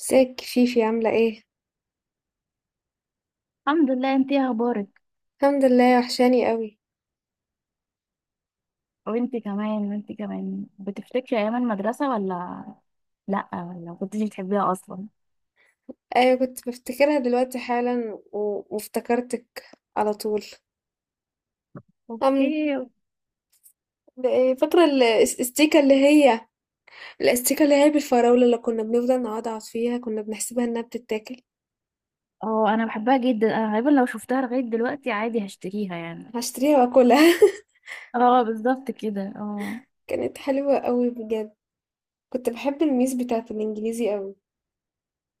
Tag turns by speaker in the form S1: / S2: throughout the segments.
S1: ازيك فيفي عاملة ايه؟
S2: الحمد لله. انت ايه اخبارك؟
S1: الحمد لله، وحشاني قوي.
S2: وانت كمان وانت كمان بتفتكري ايام المدرسه ولا؟ لا ولا كنتي بتحبيها اصلا؟
S1: ايوه، كنت بفتكرها دلوقتي حالا و... وافتكرتك على طول. أم...
S2: اوكي.
S1: ده إيه، فاكرة الاستيكة اللي هي بالفراولة اللي كنا بنفضل نقعد فيها، كنا بنحسبها انها بتتاكل.
S2: اه انا بحبها جدا، انا غالبا لو شفتها لغايه دلوقتي عادي هشتريها يعني.
S1: هشتريها واكلها.
S2: اه بالظبط كده، اه.
S1: كانت حلوة قوي بجد. كنت بحب الميس بتاعة الانجليزي قوي،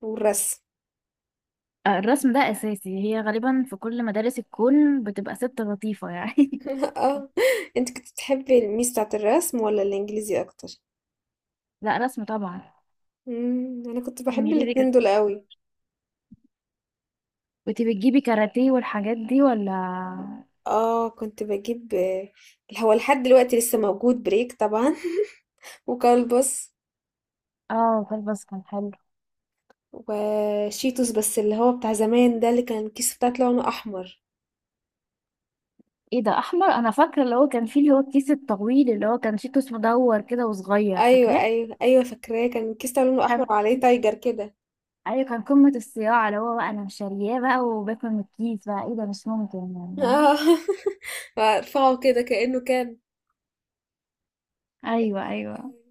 S1: والرسم.
S2: الرسم ده اساسي، هي غالبا في كل مدارس الكون بتبقى ست لطيفه يعني.
S1: اه، انت كنت بتحبي الميس بتاعة الرسم ولا الانجليزي اكتر؟
S2: لا، رسم طبعا.
S1: مم، انا كنت بحب
S2: انجليزي
S1: الاتنين
S2: كانت
S1: دول قوي.
S2: كنت بتجيبي كاراتيه والحاجات دي ولا؟
S1: اه كنت بجيب. هو لحد دلوقتي لسه موجود بريك طبعا. وكلبس
S2: اه كلبس كان حلو.
S1: وشيتوس، بس اللي هو بتاع زمان ده، اللي كان الكيس بتاعته لونه احمر.
S2: ايه ده، احمر؟ انا فاكره اللي هو كان فيه، اللي هو الكيس الطويل اللي هو كان شيتوس مدور كده وصغير،
S1: ايوه
S2: فاكراه؟
S1: ايوه ايوه، فاكراه. كان الكيس بتاعه لونه احمر
S2: كان.
S1: وعليه تايجر كده.
S2: ايوه كان قمه الصياعه، اللي هو بقى انا شارياه بقى وباكل من الكيس بقى، ايه ده مش ممكن يعني، فاهمة؟
S1: اه. ارفعه كده كأنه كان
S2: ايوه ايوه.
S1: حلو.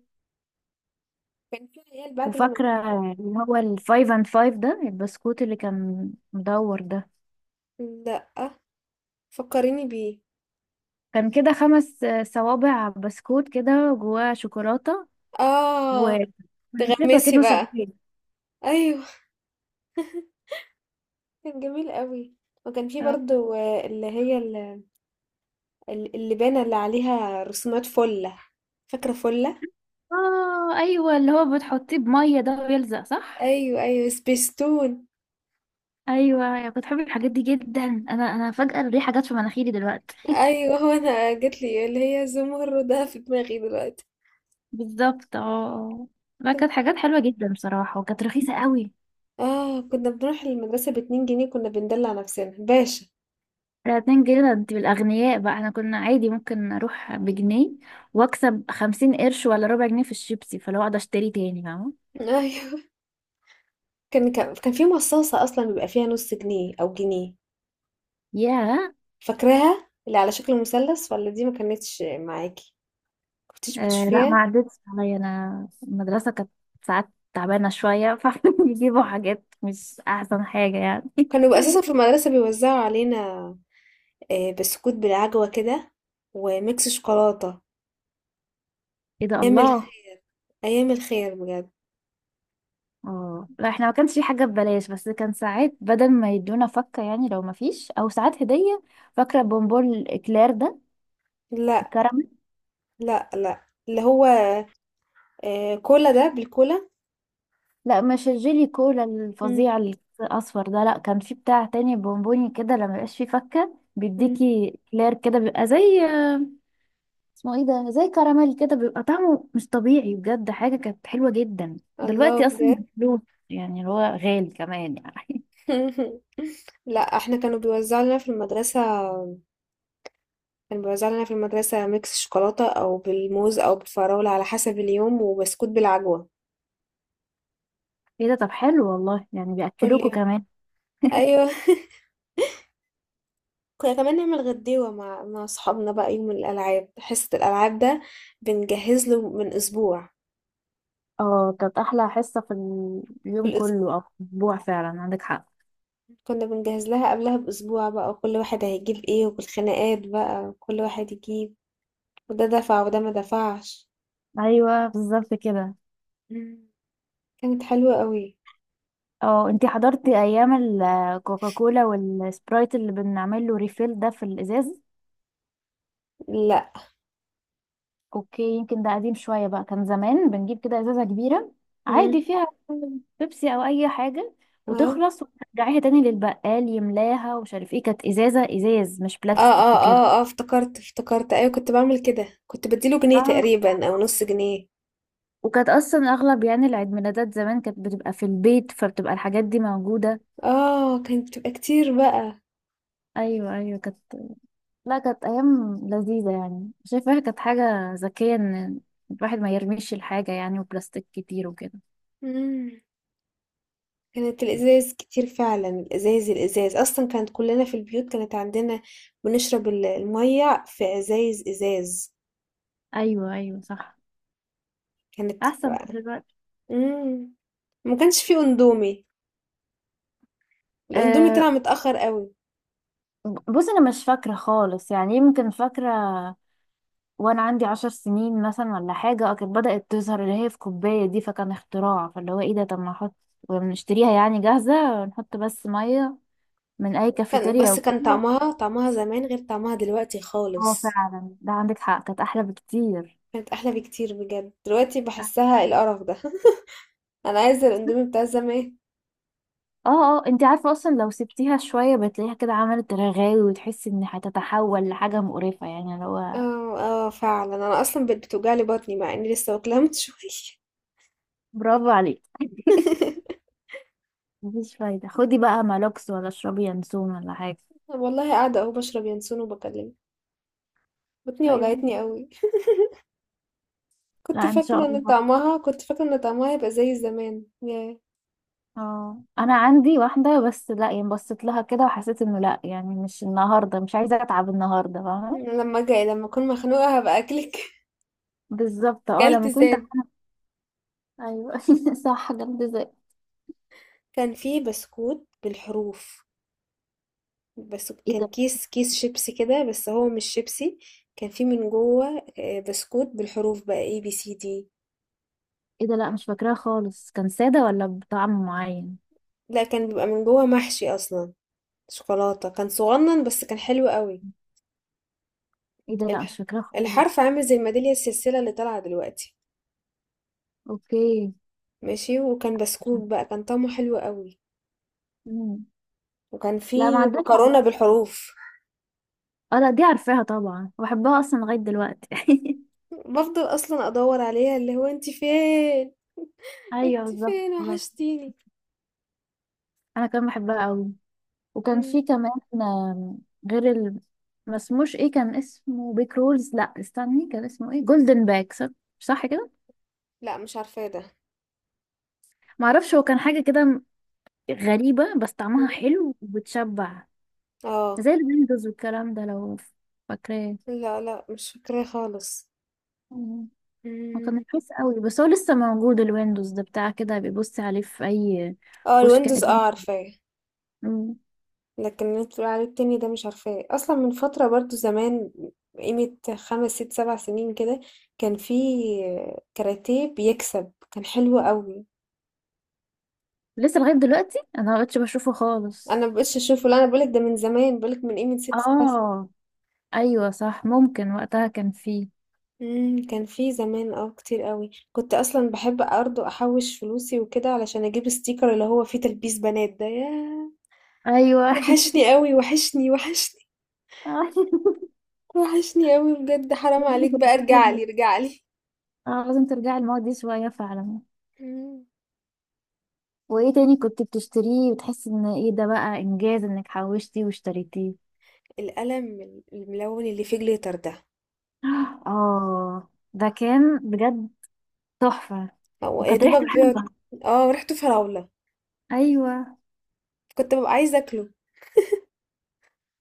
S1: كان في عيال بعد اللي ما-
S2: وفاكره اللي هو الفايف اند فايف ده، البسكوت اللي كان مدور ده؟
S1: لا، فكريني بيه.
S2: كان كده خمس صوابع بسكوت كده جواه شوكولاته.
S1: اه
S2: ونسيته
S1: تغمسي
S2: كأنه
S1: بقى.
S2: سجاير.
S1: ايوه كان جميل قوي. وكان في
S2: آه،
S1: برضو اللي هي اللبانة اللي عليها رسومات فلة، فاكرة فلة.
S2: اه ايوه، اللي هو بتحطيه بميه ده، ويلزق، صح؟
S1: ايوه ايوه، سبيستون.
S2: ايوه، يا كنت بحب الحاجات دي جدا، انا فجأة الريحة جت في مناخيري دلوقتي.
S1: ايوه، هو انا جت لي اللي هي زمردة في دماغي دلوقتي.
S2: بالظبط اه. ما كانت حاجات حلوة جدا بصراحة، وكانت رخيصة قوي.
S1: اه كنا بنروح المدرسة ب2 جنيه، كنا بندلع نفسنا باشا.
S2: ده 2 جنيه؟ ده انت بالاغنياء بقى، احنا كنا عادي ممكن اروح بجنيه واكسب 50 قرش ولا ربع جنيه في الشيبسي، فلو اقعد اشتري تاني، فاهمة؟
S1: ايوه كان في مصاصة اصلا بيبقى فيها نص جنيه او جنيه،
S2: ياه.
S1: فاكراها اللي على شكل مثلث. ولا دي ما كانتش معاكي، كنتش
S2: آه لا، ما
S1: بتشوفيها؟
S2: عدتش عليا، انا المدرسة كانت ساعات تعبانة شوية فبيجيبوا حاجات مش احسن حاجة يعني.
S1: كانوا بيبقوا اساسا في المدرسة بيوزعوا علينا بسكوت بالعجوة كده، وميكس شوكولاتة.
S2: ايه ده،
S1: أيام
S2: الله!
S1: الخير، أيام الخير بجد.
S2: اه لا، احنا ما كانش في حاجة ببلاش، بس كان ساعات بدل ما يدونا فكة يعني لو ما فيش، او ساعات هدية. فاكرة بونبون الاكلير ده؟
S1: لا
S2: الكراميل؟
S1: لا لا، اللي هو آه كولا ده، بالكولا.
S2: لا مش الجيلي كولا
S1: مم.
S2: الفظيع الاصفر ده، لا كان في بتاع تاني بونبوني كده لما يبقاش فيه فكة
S1: مم.
S2: بيديكي كلير كده، بيبقى زي، اسمه ايه ده، زي كراميل كده، بيبقى طعمه مش طبيعي بجد، حاجة كانت حلوة جدا
S1: الله،
S2: دلوقتي اصلا
S1: بجد.
S2: بفلوس، يعني اللي هو غالي كمان يعني.
S1: لا، احنا كانوا بيوزعوا لنا في المدرسة، كانوا بيوزعوا لنا في المدرسة ميكس شوكولاتة أو بالموز أو بالفراولة على حسب اليوم، وبسكوت بالعجوة
S2: ايه ده، طب حلو والله، يعني
S1: كل
S2: بيأكلوكوا
S1: يوم.
S2: كمان.
S1: أيوه. كنا كمان نعمل غديوة مع أصحابنا بقى يوم الألعاب، حصة الألعاب ده بنجهز له من أسبوع.
S2: اه، كانت احلى حصة في اليوم كله او في الاسبوع فعلا، عندك حق.
S1: كنا بنجهز لها قبلها بأسبوع بقى، وكل واحد هيجيب ايه، والخناقات بقى كل واحد يجيب، وده دفع وده ما دفعش.
S2: ايوه بالظبط كده.
S1: مم. كانت حلوة قوي.
S2: اه انتي حضرتي ايام الكوكاكولا والسبرايت اللي بنعمل له ريفيل ده في الازاز؟
S1: لا.
S2: اوكي، يمكن ده قديم شوية بقى، كان زمان بنجيب كده ازازة كبيرة عادي
S1: مم.
S2: فيها بيبسي او اي حاجة،
S1: اه
S2: وتخلص وترجعيها تاني للبقال يملاها ومش عارف ايه، كانت ازازة ازاز مش
S1: اه اه
S2: بلاستيك وكده.
S1: اه اه، افتكرت ايوه، كنت بعمل كده، كنت بديله جنيه
S2: اه.
S1: تقريبا او نص جنيه.
S2: وكانت اصلا اغلب يعني العيد ميلادات زمان كانت بتبقى في البيت، فبتبقى الحاجات دي موجودة.
S1: اه كانت بتبقى كتير بقى.
S2: ايوه ايوه كانت. لا كانت ايام لذيذه يعني، شايفاها كانت حاجه ذكيه ان الواحد ما يرميش الحاجه يعني، وبلاستيك كتير وكده.
S1: مم. كانت الازاز كتير فعلا، الازاز اصلا كانت كلنا في البيوت كانت عندنا، بنشرب المية في ازايز ازاز.
S2: ايوه ايوه صح.
S1: كانت.
S2: احسن من دلوقتي.
S1: إمم. ما كانش في أندومي، الأندومي طلع
S2: أه.
S1: متأخّر أوي.
S2: بص انا مش فاكره خالص يعني، يمكن فاكره وانا عندي 10 سنين مثلا ولا حاجه. كانت بدات تظهر اللي هي في كوبايه دي، فكان اختراع، فاللي هو ايه ده، طب ما نحط ونشتريها يعني جاهزه، ونحط بس ميه من اي كافيتيريا
S1: بس كان
S2: وكده.
S1: طعمها زمان غير طعمها دلوقتي
S2: اه
S1: خالص.
S2: فعلا ده عندك حق، كانت احلى بكتير.
S1: كانت أحلى بكتير بجد، دلوقتي باحسّها القرف ده. أنا عايزة الأندومي بتاع زمان.
S2: اه اه، انت عارفة اصلا لو سبتيها شوية بتلاقيها كده عملت رغاوي، وتحسي ان هتتحول لحاجة مقرفة يعني اللي هو.
S1: آه، آه فعلًا، أنا أصلًا بقت بتوجع لي بطني مع إني لسه واكلاها من شوية.
S2: برافو عليك. مفيش فايدة، خدي بقى مالوكس ولا اشربي ينسون ولا حاجة.
S1: والله قاعدة أهو باشرب ينسون وباكلمِك، بطني
S2: ايوه.
S1: وجعتني أوي. كنت
S2: لا ان شاء
S1: فاكرة إن
S2: الله.
S1: طعمها كنت فاكرة إن طعمها هيبقى زي زمان، ياه!
S2: اه انا عندي واحدة بس، لا يعني بصيت لها كده وحسيت انه لا، يعني مش النهاردة، مش عايزة اتعب النهاردة، فاهمة؟
S1: أنا لمّا أكون مخنوقة هابقى أكلِك.
S2: بالظبط اه،
S1: كلت
S2: لما كنت
S1: زاد.
S2: ايوه. صح، جنب زي.
S1: كان فيه بسكوت بالحروف، بس
S2: ايه
S1: كان
S2: ده.
S1: كيس شيبسي كده، بس هو مش شيبسي. كان فيه من جوه بسكوت بالحروف بقى، ABCD.
S2: ايه ده، لا مش فاكراها خالص، كان سادة ولا بطعم معين؟
S1: لا كان بيبقى من جوه محشي اصلا شوكولاتة، كان صغنن بس كان حلو قوي.
S2: ايه ده، لا مش
S1: الح-
S2: فاكراها خالص.
S1: الحرف عامل زي الميدالية السلسلة اللي طالعة دلوقتي.
S2: اوكي.
S1: ماشي. وكان بسكوت بقى كان طعمه حلو قوي.
S2: مم.
S1: وكان
S2: لا ما
S1: فيه
S2: عدتش
S1: مكرونة
S2: على.
S1: بالحروف.
S2: اه لا، دي عارفاها طبعا وبحبها اصلا لغايه دلوقتي.
S1: بفضل اصلا ادور عليها، اللي هو انت فين؟
S2: ايوه
S1: انت
S2: بالظبط
S1: فين؟
S2: بالظبط.
S1: وحشتيني.
S2: انا كمان بحبها قوي. وكان في
S1: مم.
S2: كمان غير ال... ما اسموش ايه، كان اسمه بيك رولز، لا استني كان اسمه ايه، جولدن باك، صح، صح كده.
S1: لا، مش عارفاه ده.
S2: ما اعرفش، هو كان حاجه كده غريبه، بس
S1: مم.
S2: طعمها حلو وبتشبع،
S1: اه
S2: زي الويندوز والكلام ده، لو فاكراه.
S1: لا لا، مش فاكراه خالص.
S2: مم. هو كان
S1: مم.
S2: رخيص قوي، بس هو لسه موجود الويندوز ده، بتاع كده بيبص عليه في اي
S1: اه
S2: كشك
S1: الويندوز،
S2: قديم.
S1: اه عارفاه.
S2: مم.
S1: لكن اللي انت بتقول عليه التاني ده مش عارفاه اصلا، من فترة برضو زمان، قيمة 5 6 7 سنين كده. كان في كاراتيه بيكسب، كان حلو قوي.
S2: لسه لغاية دلوقتي انا ما بقتش بشوفه خالص.
S1: انا مبقتش اشوفه، لا انا بقولك ده من زمان، بقولك من قيمة 6 7 سنين.
S2: اه ايوه صح، ممكن وقتها كان فيه.
S1: مم، كان في زمان كتير قوي، كنت اصلا بحب برضه احوش فلوسي وكده علشان اجيب ستيكر اللي هو فيه تلبيس بنات ده، ياه.
S2: ايوه.
S1: وحشني قوي، وحشني، وحشني. وحشني أوي بجد، حرام
S2: لازم
S1: عليك بقى، ارجعلي،
S2: ترجعي.
S1: ارجعلي.
S2: اه لازم ترجعي الماضي دي شوية فعلا.
S1: مم.
S2: وايه تاني كنت بتشتريه وتحسي ان ايه ده بقى انجاز انك حوشتي واشتريتيه؟
S1: القلم الملون اللي فيه جليتر ده،
S2: اه، ده كان بجد تحفة.
S1: هو يا
S2: وكانت ريحته
S1: دوبك بيقعد.
S2: حلوة.
S1: اه ريحته فراولة،
S2: ايوه.
S1: كنت ببقى عايزة اكله.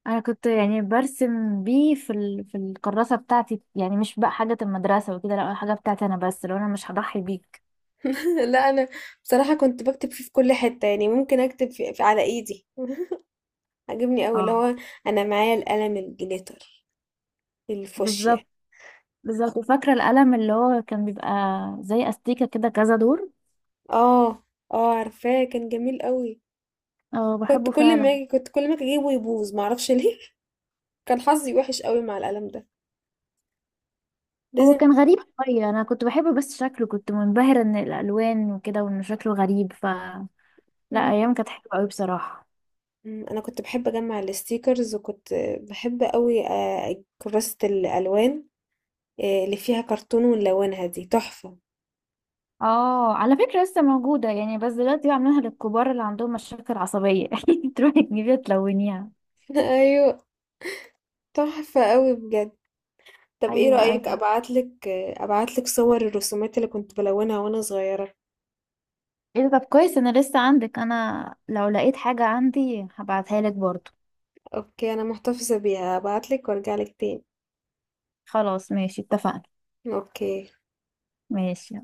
S2: انا كنت يعني برسم بيه في في الكراسه بتاعتي يعني، مش بقى حاجه المدرسه وكده، لا حاجه بتاعتي انا بس، لو انا مش هضحي بيك.
S1: لا انا بصراحة كنت بكتب فيه في كل حتة، يعني ممكن اكتب في على ايدي. عجبني قوي اللي
S2: اه
S1: هو، انا معايا القلم الجليتر الفوشيا.
S2: بالظبط بالظبط. وفاكره القلم اللي هو كان بيبقى زي استيكه كده، كذا دور.
S1: اه اه عارفاه، كان جميل قوي.
S2: اه
S1: كنت
S2: بحبه
S1: كل ما
S2: فعلا.
S1: اجي كنت كل ما أجي اجيبه يبوظ، معرفش ليه. كان حظي وحش قوي مع القلم ده.
S2: هو كان غريب شويه، انا كنت بحبه بس شكله كنت منبهره ان الالوان وكده، وان شكله غريب، لا ايام
S1: لازم.
S2: كانت حلوه قوي بصراحه.
S1: مم، انا كنت بحب اجمع الستيكرز، وكنت بحب قوي كراسة الالوان، اللي فيها كرتون ونلونها دي تحفة.
S2: اه على فكره لسه موجوده يعني، بس دلوقتي بعملها للكبار اللي عندهم مشاكل عصبيه، تروحي تجيبيها تلونيها.
S1: ايوه تحفة قوي بجد. طب ايه
S2: ايوه
S1: رأيك
S2: ايوه،
S1: ابعتلك صور الرسومات اللي كنت بلونها وانا صغيرة.
S2: ايه ده طب كويس، انا لسه عندك، انا لو لقيت حاجة عندي هبعتها لك برضو.
S1: اوكي، انا محتفظة بيها، ابعتلك وارجعلك تاني.
S2: خلاص ماشي اتفقنا.
S1: اوكي.
S2: ماشي.